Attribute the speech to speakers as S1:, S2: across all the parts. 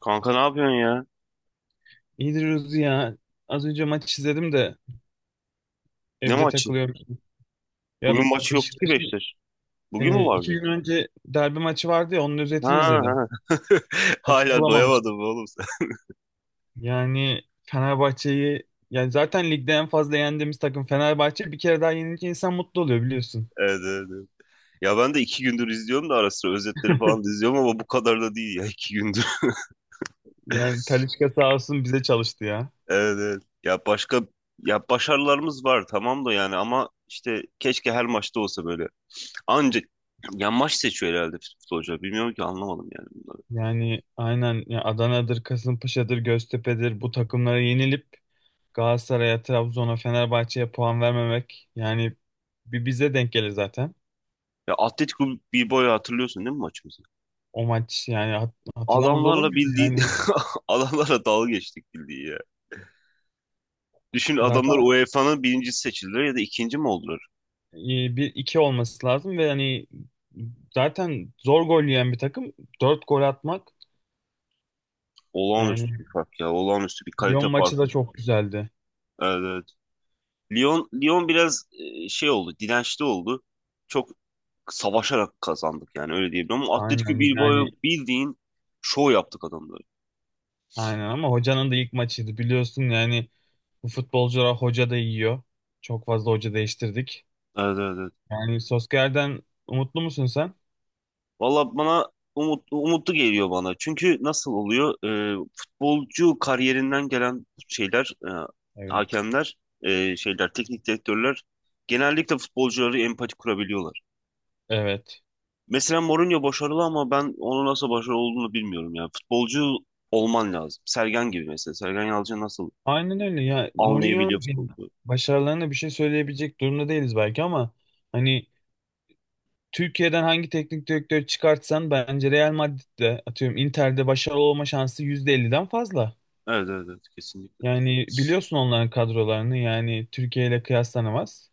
S1: Kanka ne yapıyorsun ya?
S2: İyidir Ruzi ya. Az önce maç izledim de
S1: Ne
S2: evde
S1: maçı?
S2: takılıyorum. Ya
S1: Bugün maçı yoktu ki
S2: Beşiktaş'ın
S1: Beşiktaş. Bugün mü
S2: iki
S1: vardı?
S2: gün önce derbi maçı vardı ya onun özetini
S1: Ha,
S2: izledim.
S1: ha.
S2: Vakit
S1: Hala
S2: bulamamıştım.
S1: doyamadım oğlum sen.
S2: Yani Fenerbahçe'yi yani zaten ligde en fazla yendiğimiz takım Fenerbahçe bir kere daha yenince insan mutlu oluyor biliyorsun.
S1: Evet, evet, evet. Ya ben de iki gündür izliyorum da ara sıra özetleri falan da izliyorum ama bu kadar da değil ya iki gündür.
S2: Yani Talisca sağ olsun bize çalıştı ya.
S1: Evet, evet. Ya başka, ya başarılarımız var tamam da yani ama işte keşke her maçta olsa böyle. Anca, ya maç seçiyor herhalde futbolcular. Bilmiyorum ki, anlamadım yani bunları.
S2: Yani aynen ya Adana'dır, Kasımpaşa'dır, Göztepe'dir bu takımlara yenilip Galatasaray'a, Trabzon'a, Fenerbahçe'ye puan vermemek yani bir bize denk gelir zaten.
S1: Ya Atletico Bilbao'yu hatırlıyorsun değil mi maçımızı?
S2: O maç yani hatırlamaz olur
S1: Adamlarla
S2: muyum?
S1: bildiği,
S2: Yani
S1: adamlarla dalga geçtik bildiği. Düşün, adamlar
S2: zaten
S1: UEFA'nın birincisi seçildiler ya da ikinci mi oldular?
S2: e, bir iki olması lazım ve hani zaten zor gol yiyen bir takım 4 gol atmak
S1: Olağanüstü bir
S2: yani
S1: fark ya. Olağanüstü bir
S2: Lyon
S1: kalite
S2: maçı
S1: farkı.
S2: da çok güzeldi.
S1: Evet, evet. Lyon, Lyon biraz şey oldu. Dirençli oldu. Çok savaşarak kazandık, yani öyle diyebilirim. Ama Atletico
S2: Aynen yani
S1: Bilbao'yu bildiğin şov yaptık adamları.
S2: aynen ama hocanın da ilk maçıydı biliyorsun yani bu futbolcular hoca da yiyor. Çok fazla hoca değiştirdik.
S1: Evet, evet, evet.
S2: Yani Solskjaer'den umutlu musun sen?
S1: Valla bana umutlu geliyor bana. Çünkü nasıl oluyor? Futbolcu kariyerinden gelen şeyler,
S2: Evet.
S1: hakemler, şeyler, teknik direktörler genellikle futbolcuları empati kurabiliyorlar.
S2: Evet.
S1: Mesela Mourinho başarılı ama ben onun nasıl başarılı olduğunu bilmiyorum ya. Futbolcu olman lazım. Sergen gibi mesela. Sergen Yalçın nasıl
S2: Aynen öyle ya Mourinho
S1: anlayabiliyor futbolu?
S2: başarılarına bir şey söyleyebilecek durumda değiliz belki ama hani Türkiye'den hangi teknik direktörü çıkartsan bence Real Madrid'de, atıyorum, Inter'de başarılı olma şansı %50'den fazla.
S1: Evet, evet, evet, kesinlikle.
S2: Yani biliyorsun onların kadrolarını, yani Türkiye ile kıyaslanamaz.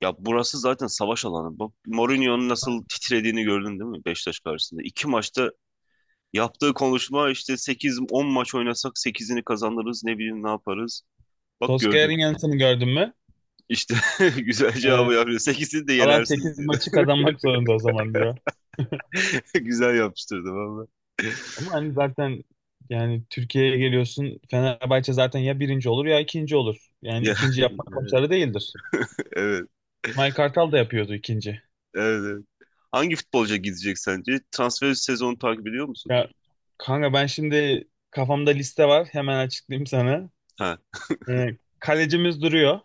S1: Ya burası zaten savaş alanı. Bu Mourinho'nun nasıl titrediğini gördün değil mi Beşiktaş karşısında? İki maçta yaptığı konuşma, işte sekiz on maç oynasak sekizini kazanırız, ne bileyim, ne yaparız. Bak gördün.
S2: Solskjaer'in yanıtını gördün mü?
S1: İşte güzel
S2: Ee,
S1: cevabı yapıyor. Sekizini de
S2: kalan
S1: yenersiniz
S2: 8
S1: diyor.
S2: maçı kazanmak zorunda o zaman diyor.
S1: Güzel yapıştırdı valla.
S2: Ama hani zaten yani Türkiye'ye geliyorsun, Fenerbahçe zaten ya birinci olur ya ikinci olur. Yani
S1: Ya,
S2: ikinci yapmak başarı değildir.
S1: evet.
S2: Mike Kartal da yapıyordu ikinci.
S1: Evet, evet. Hangi futbolcuya gidecek sence? Transfer sezonu takip ediyor musun?
S2: Ya kanka, ben şimdi kafamda liste var, hemen açıklayayım sana.
S1: Ha.
S2: Kalecimiz duruyor.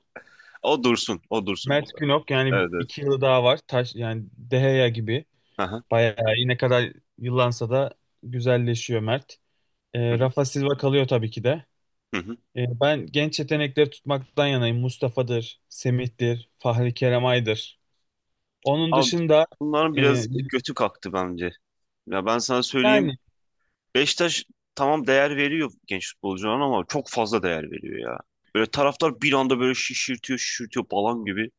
S1: O dursun. O dursun biz
S2: Mert
S1: abi.
S2: Günok, yani
S1: Evet, evet.
S2: 2 yılı daha var. Taş yani, Deheya gibi.
S1: Aha.
S2: Bayağı iyi, ne kadar yıllansa da güzelleşiyor Mert.
S1: Hı hı.
S2: Rafa Silva kalıyor tabii ki de.
S1: Hı hı.
S2: Ben genç yetenekleri tutmaktan yanayım. Mustafa'dır, Semih'tir, Fahri Kerem Ay'dır. Onun
S1: Abi,
S2: dışında
S1: bunların
S2: e,
S1: biraz götü kalktı bence. Ya ben sana söyleyeyim.
S2: yani
S1: Beşiktaş tamam değer veriyor genç futbolcularına ama çok fazla değer veriyor ya. Böyle taraftar bir anda böyle şişirtiyor, şişirtiyor falan gibi.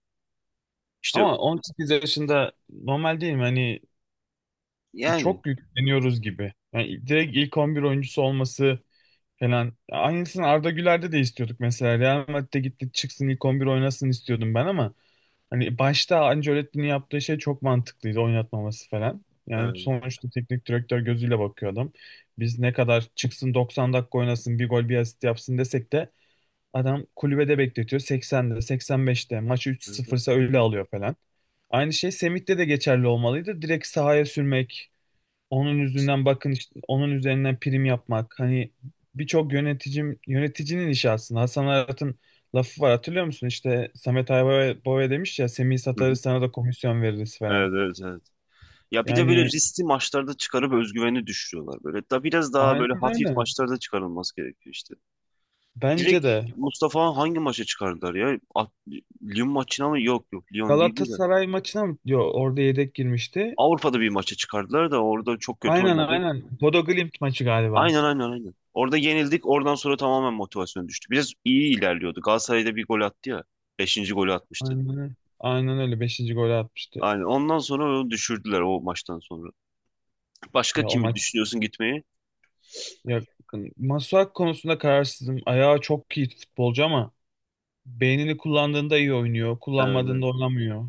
S1: İşte
S2: ama 18 yaşında normal değil mi? Hani
S1: yani.
S2: çok yükleniyoruz gibi. Yani direkt ilk 11 oyuncusu olması falan. Aynısını Arda Güler'de de istiyorduk mesela. Real Madrid'de gitti çıksın ilk 11 oynasın istiyordum ben ama hani başta Ancelotti'nin yaptığı şey çok mantıklıydı, oynatmaması falan. Yani
S1: Evet,
S2: sonuçta teknik direktör gözüyle bakıyor adam. Biz ne kadar çıksın 90 dakika oynasın bir gol bir asist yapsın desek de adam kulübede bekletiyor, 80'de 85'te maçı
S1: evet, evet.
S2: 3-0'sa öyle alıyor falan. Aynı şey Semih'te de geçerli olmalıydı. Direkt sahaya sürmek, onun yüzünden bakın işte, onun üzerinden prim yapmak, hani birçok yöneticim yöneticinin işi aslında. Hasan Arat'ın lafı var, hatırlıyor musun? İşte Samet Aybaba demiş ya, Semih
S1: Hı hı.
S2: satarız sana da komisyon veririz falan.
S1: Evet, evet, evet. Ya bir de böyle
S2: Yani
S1: riskli maçlarda çıkarıp özgüveni düşürüyorlar böyle. Da biraz daha
S2: aynen
S1: böyle hafif
S2: öyle,
S1: maçlarda çıkarılması gerekiyor işte.
S2: bence
S1: Direkt
S2: de.
S1: Mustafa hangi maça çıkardılar ya? A- Lyon maçına mı? Yok yok, Lyon değildi de.
S2: Galatasaray maçına mı? Yo orada yedek girmişti.
S1: Avrupa'da bir maça çıkardılar da orada çok kötü
S2: Aynen
S1: oynadı.
S2: aynen, Bodo Glimt maçı galiba.
S1: Aynen, aynen, aynen. Orada yenildik. Oradan sonra tamamen motivasyon düştü. Biraz iyi ilerliyordu. Galatasaray'da bir gol attı ya. Beşinci golü atmıştı.
S2: Aynen öyle, aynen öyle, beşinci golü atmıştı.
S1: Aynen. Ondan sonra onu düşürdüler o maçtan sonra. Başka
S2: Ya o
S1: kimi
S2: maç,
S1: düşünüyorsun gitmeyi?
S2: ya Masuak konusunda kararsızım. Ayağı çok iyi futbolcu ama beynini kullandığında iyi oynuyor.
S1: Evet.
S2: Kullanmadığında oynamıyor.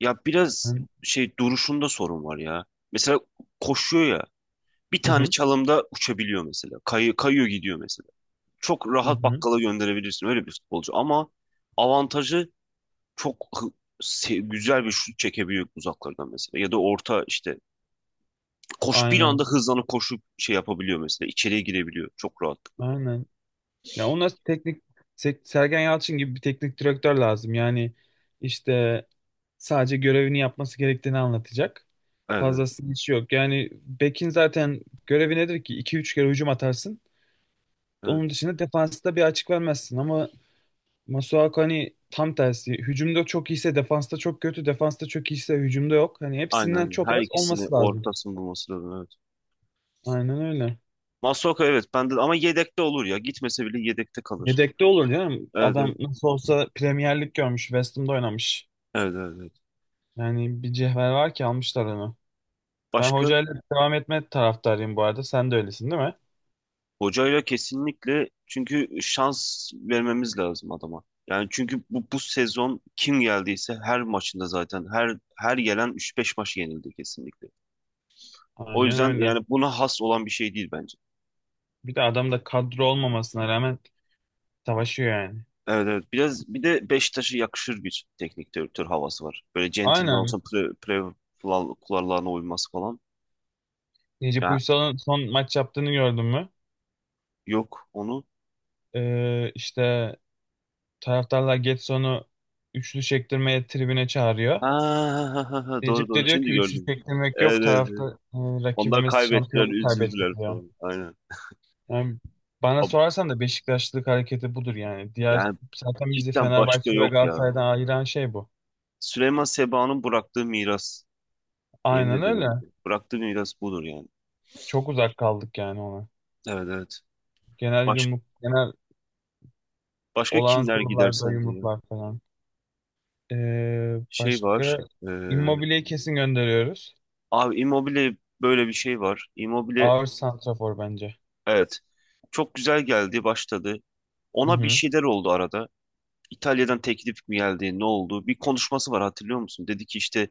S1: Ya biraz
S2: Hı
S1: şey, duruşunda sorun var ya. Mesela koşuyor ya. Bir tane
S2: hı.
S1: çalımda uçabiliyor mesela. Kayıyor gidiyor mesela. Çok
S2: Hı
S1: rahat
S2: hı.
S1: bakkala gönderebilirsin öyle bir futbolcu ama avantajı çok güzel bir şut çekebiliyor uzaklardan mesela. Ya da orta işte, koş bir anda
S2: Aynen.
S1: hızlanıp koşup şey yapabiliyor mesela. İçeriye girebiliyor çok rahatlıkla.
S2: Aynen. Ya ona teknik, Sergen Yalçın gibi bir teknik direktör lazım. Yani işte sadece görevini yapması gerektiğini anlatacak.
S1: Evet, evet,
S2: Fazlasının işi yok. Yani bekin zaten görevi nedir ki? 2 üç kere hücum atarsın.
S1: evet.
S2: Onun dışında defansta bir açık vermezsin ama Masuaku hani tam tersi. Hücumda çok iyiyse defansta çok kötü, defansta çok iyiyse hücumda yok. Hani
S1: Aynen,
S2: hepsinden
S1: aynen.
S2: çok
S1: Her
S2: az
S1: ikisini
S2: olması lazım.
S1: ortasını bulması lazım, evet.
S2: Aynen öyle.
S1: Masuaku evet bende ama yedekte olur ya. Gitmese bile yedekte kalır.
S2: Yedekte olur canım.
S1: Evet, evet.
S2: Adam nasıl olsa Premier Lig görmüş, West Ham'da oynamış.
S1: Evet, evet, evet.
S2: Yani bir cevher var ki almışlar onu. Ben
S1: Başka,
S2: hocayla devam etme taraftarıyım bu arada. Sen de öylesin değil mi?
S1: hocayla kesinlikle çünkü şans vermemiz lazım adama. Yani çünkü bu sezon kim geldiyse her maçında zaten her gelen üç beş maç yenildi kesinlikle. O
S2: Aynen
S1: yüzden
S2: öyle.
S1: yani buna has olan bir şey değil bence.
S2: Bir de adam da kadro olmamasına rağmen savaşıyor yani.
S1: Evet evet, biraz bir de Beşiktaş'a yakışır bir teknik direktör havası var. Böyle centilmen
S2: Aynen.
S1: olsun, kurallarına uyması falan.
S2: Necip
S1: Ya,
S2: Uysal'ın son maç yaptığını gördün mü?
S1: yok onu.
S2: İşte taraftarlar Getson'u üçlü çektirmeye tribüne çağırıyor.
S1: Ha, ha, ha, ha, doğru
S2: Necip
S1: doğru,
S2: de diyor
S1: şimdi
S2: ki üçlü
S1: gördüm.
S2: çektirmek
S1: Evet,
S2: yok,
S1: evet,
S2: tarafta
S1: evet. Onlar
S2: rakibimiz
S1: kaybettiler,
S2: şampiyonluk kaybetti
S1: üzüldüler
S2: diyor.
S1: falan. Aynen.
S2: Yani bana sorarsan da Beşiktaşlılık hareketi budur yani. Diğer,
S1: Yani
S2: zaten bizi
S1: cidden başka
S2: Fenerbahçe ve
S1: yok ya.
S2: Galatasaray'dan ayıran şey bu.
S1: Süleyman Seba'nın bıraktığı miras. Yemin
S2: Aynen
S1: ederim.
S2: öyle.
S1: Bıraktığı miras budur yani.
S2: Çok uzak kaldık yani ona.
S1: Evet, evet.
S2: Genel
S1: Baş,
S2: yumruk, genel
S1: başka
S2: olağan
S1: kimler gider
S2: kurullarda
S1: sence ya?
S2: yumruklar falan. Ee,
S1: Şey
S2: başka
S1: var. E,
S2: Immobile'yi kesin gönderiyoruz.
S1: abi Immobile böyle bir şey var. Immobile,
S2: Ağır santrafor bence.
S1: evet. Çok güzel geldi, başladı.
S2: Hı
S1: Ona bir
S2: hı.
S1: şeyler oldu arada. İtalya'dan teklif mi geldi, ne oldu? Bir konuşması var, hatırlıyor musun? Dedi ki işte,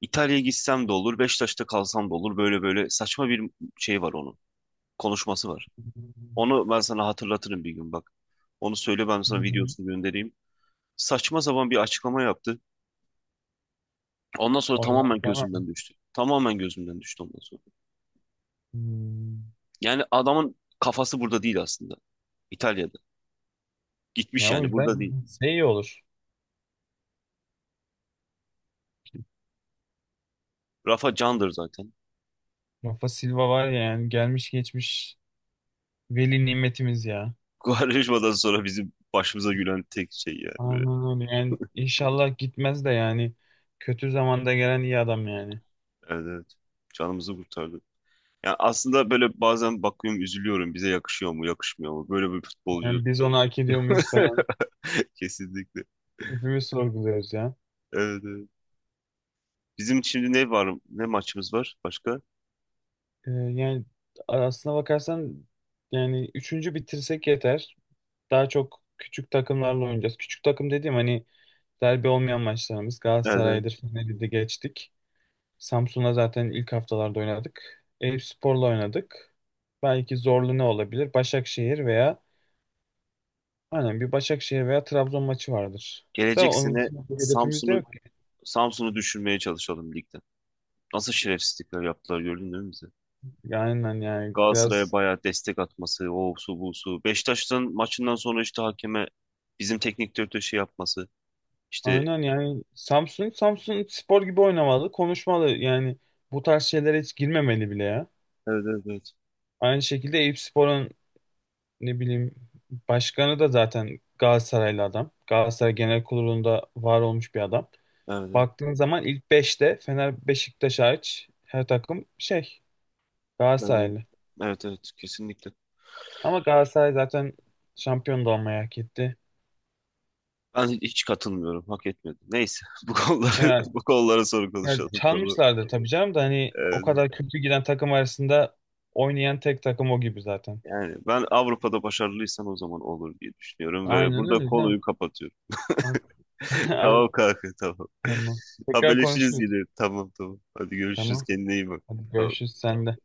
S1: İtalya'ya gitsem de olur, Beşiktaş'ta kalsam da olur. Böyle böyle saçma bir şey var onun. Konuşması var. Onu ben sana hatırlatırım bir gün bak. Onu söyle, ben
S2: Hı
S1: sana
S2: hı.
S1: videosunu göndereyim. Saçma sapan bir açıklama yaptı. Ondan sonra
S2: Ondan
S1: tamamen
S2: sonra
S1: gözümden düştü. Tamamen gözümden düştü ondan sonra.
S2: hmm,
S1: Yani adamın kafası burada değil aslında. İtalya'da. Gitmiş
S2: ya o
S1: yani, burada değil.
S2: yüzden şey iyi olur.
S1: Rafa candır zaten.
S2: Rafa Silva var ya, yani gelmiş geçmiş veli nimetimiz ya.
S1: Quaresma'dan sonra bizim başımıza gülen tek şey yani böyle.
S2: Aynen öyle. Yani inşallah gitmez de yani. Kötü zamanda gelen iyi adam yani.
S1: Evet, evet. Canımızı kurtardı. Yani aslında böyle bazen bakıyorum, üzülüyorum. Bize yakışıyor mu, yakışmıyor mu böyle bir futbolcu?
S2: Yani biz onu hak ediyor muyuz falan.
S1: Kesinlikle.
S2: Hepimiz sorguluyoruz ya.
S1: Evet, evet. Bizim şimdi ne var? Ne maçımız var başka?
S2: Yani aslına bakarsan yani üçüncü bitirsek yeter. Daha çok küçük takımlarla oynayacağız. Küçük takım dediğim hani derbi olmayan maçlarımız.
S1: Nereden?
S2: Galatasaray'dır, Fener'i de geçtik. Samsun'la zaten ilk haftalarda oynadık. Eyüpspor'la oynadık. Belki zorlu ne olabilir? Başakşehir veya. Aynen, bir Başakşehir veya Trabzon maçı vardır. Da
S1: Gelecek
S2: onun
S1: sene
S2: için bir hedefimiz de
S1: Samsun'u
S2: yok ki.
S1: Samsun'u düşürmeye çalışalım ligden. Nasıl şerefsizlikler yaptılar gördün değil mi bize?
S2: Aynen yani
S1: Galatasaray'a
S2: biraz,
S1: bayağı destek atması, o su bu su. Beşiktaş'ın maçından sonra işte hakeme bizim teknik direktör şey yapması. İşte
S2: aynen yani Samsun Spor gibi oynamalı, konuşmalı. Yani bu tarz şeylere hiç girmemeli bile ya.
S1: evet, evet, evet.
S2: Aynı şekilde Eyüpspor'un ne bileyim başkanı da zaten Galatasaraylı adam. Galatasaray Genel Kurulu'nda var olmuş bir adam.
S1: Evet, evet.
S2: Baktığın zaman ilk beşte Fener Beşiktaş hariç her takım şey
S1: Ben de-
S2: Galatasaraylı.
S1: Evet, evet, kesinlikle.
S2: Ama Galatasaray zaten şampiyon da olmayı hak etti.
S1: Ben hiç katılmıyorum. Hak etmedi. Neyse, bu konuları,
S2: Yani
S1: bu konulara sonra
S2: Yani
S1: konuşalım tabii.
S2: çalmışlardı tabii canım da hani
S1: Evet,
S2: o
S1: evet.
S2: kadar kötü giden takım arasında oynayan tek takım o gibi zaten.
S1: Yani ben Avrupa'da başarılıysam o zaman olur diye düşünüyorum ve
S2: Aynen
S1: burada
S2: öyle canım.
S1: konuyu kapatıyorum.
S2: Aynen
S1: Tamam kanka, tamam.
S2: tamam. Tekrar
S1: Haberleşiriz
S2: konuşuruz.
S1: yine. Tamam, tamam. Hadi görüşürüz.
S2: Tamam.
S1: Kendine iyi bak.
S2: Hadi
S1: Tamam.
S2: görüşürüz sen de.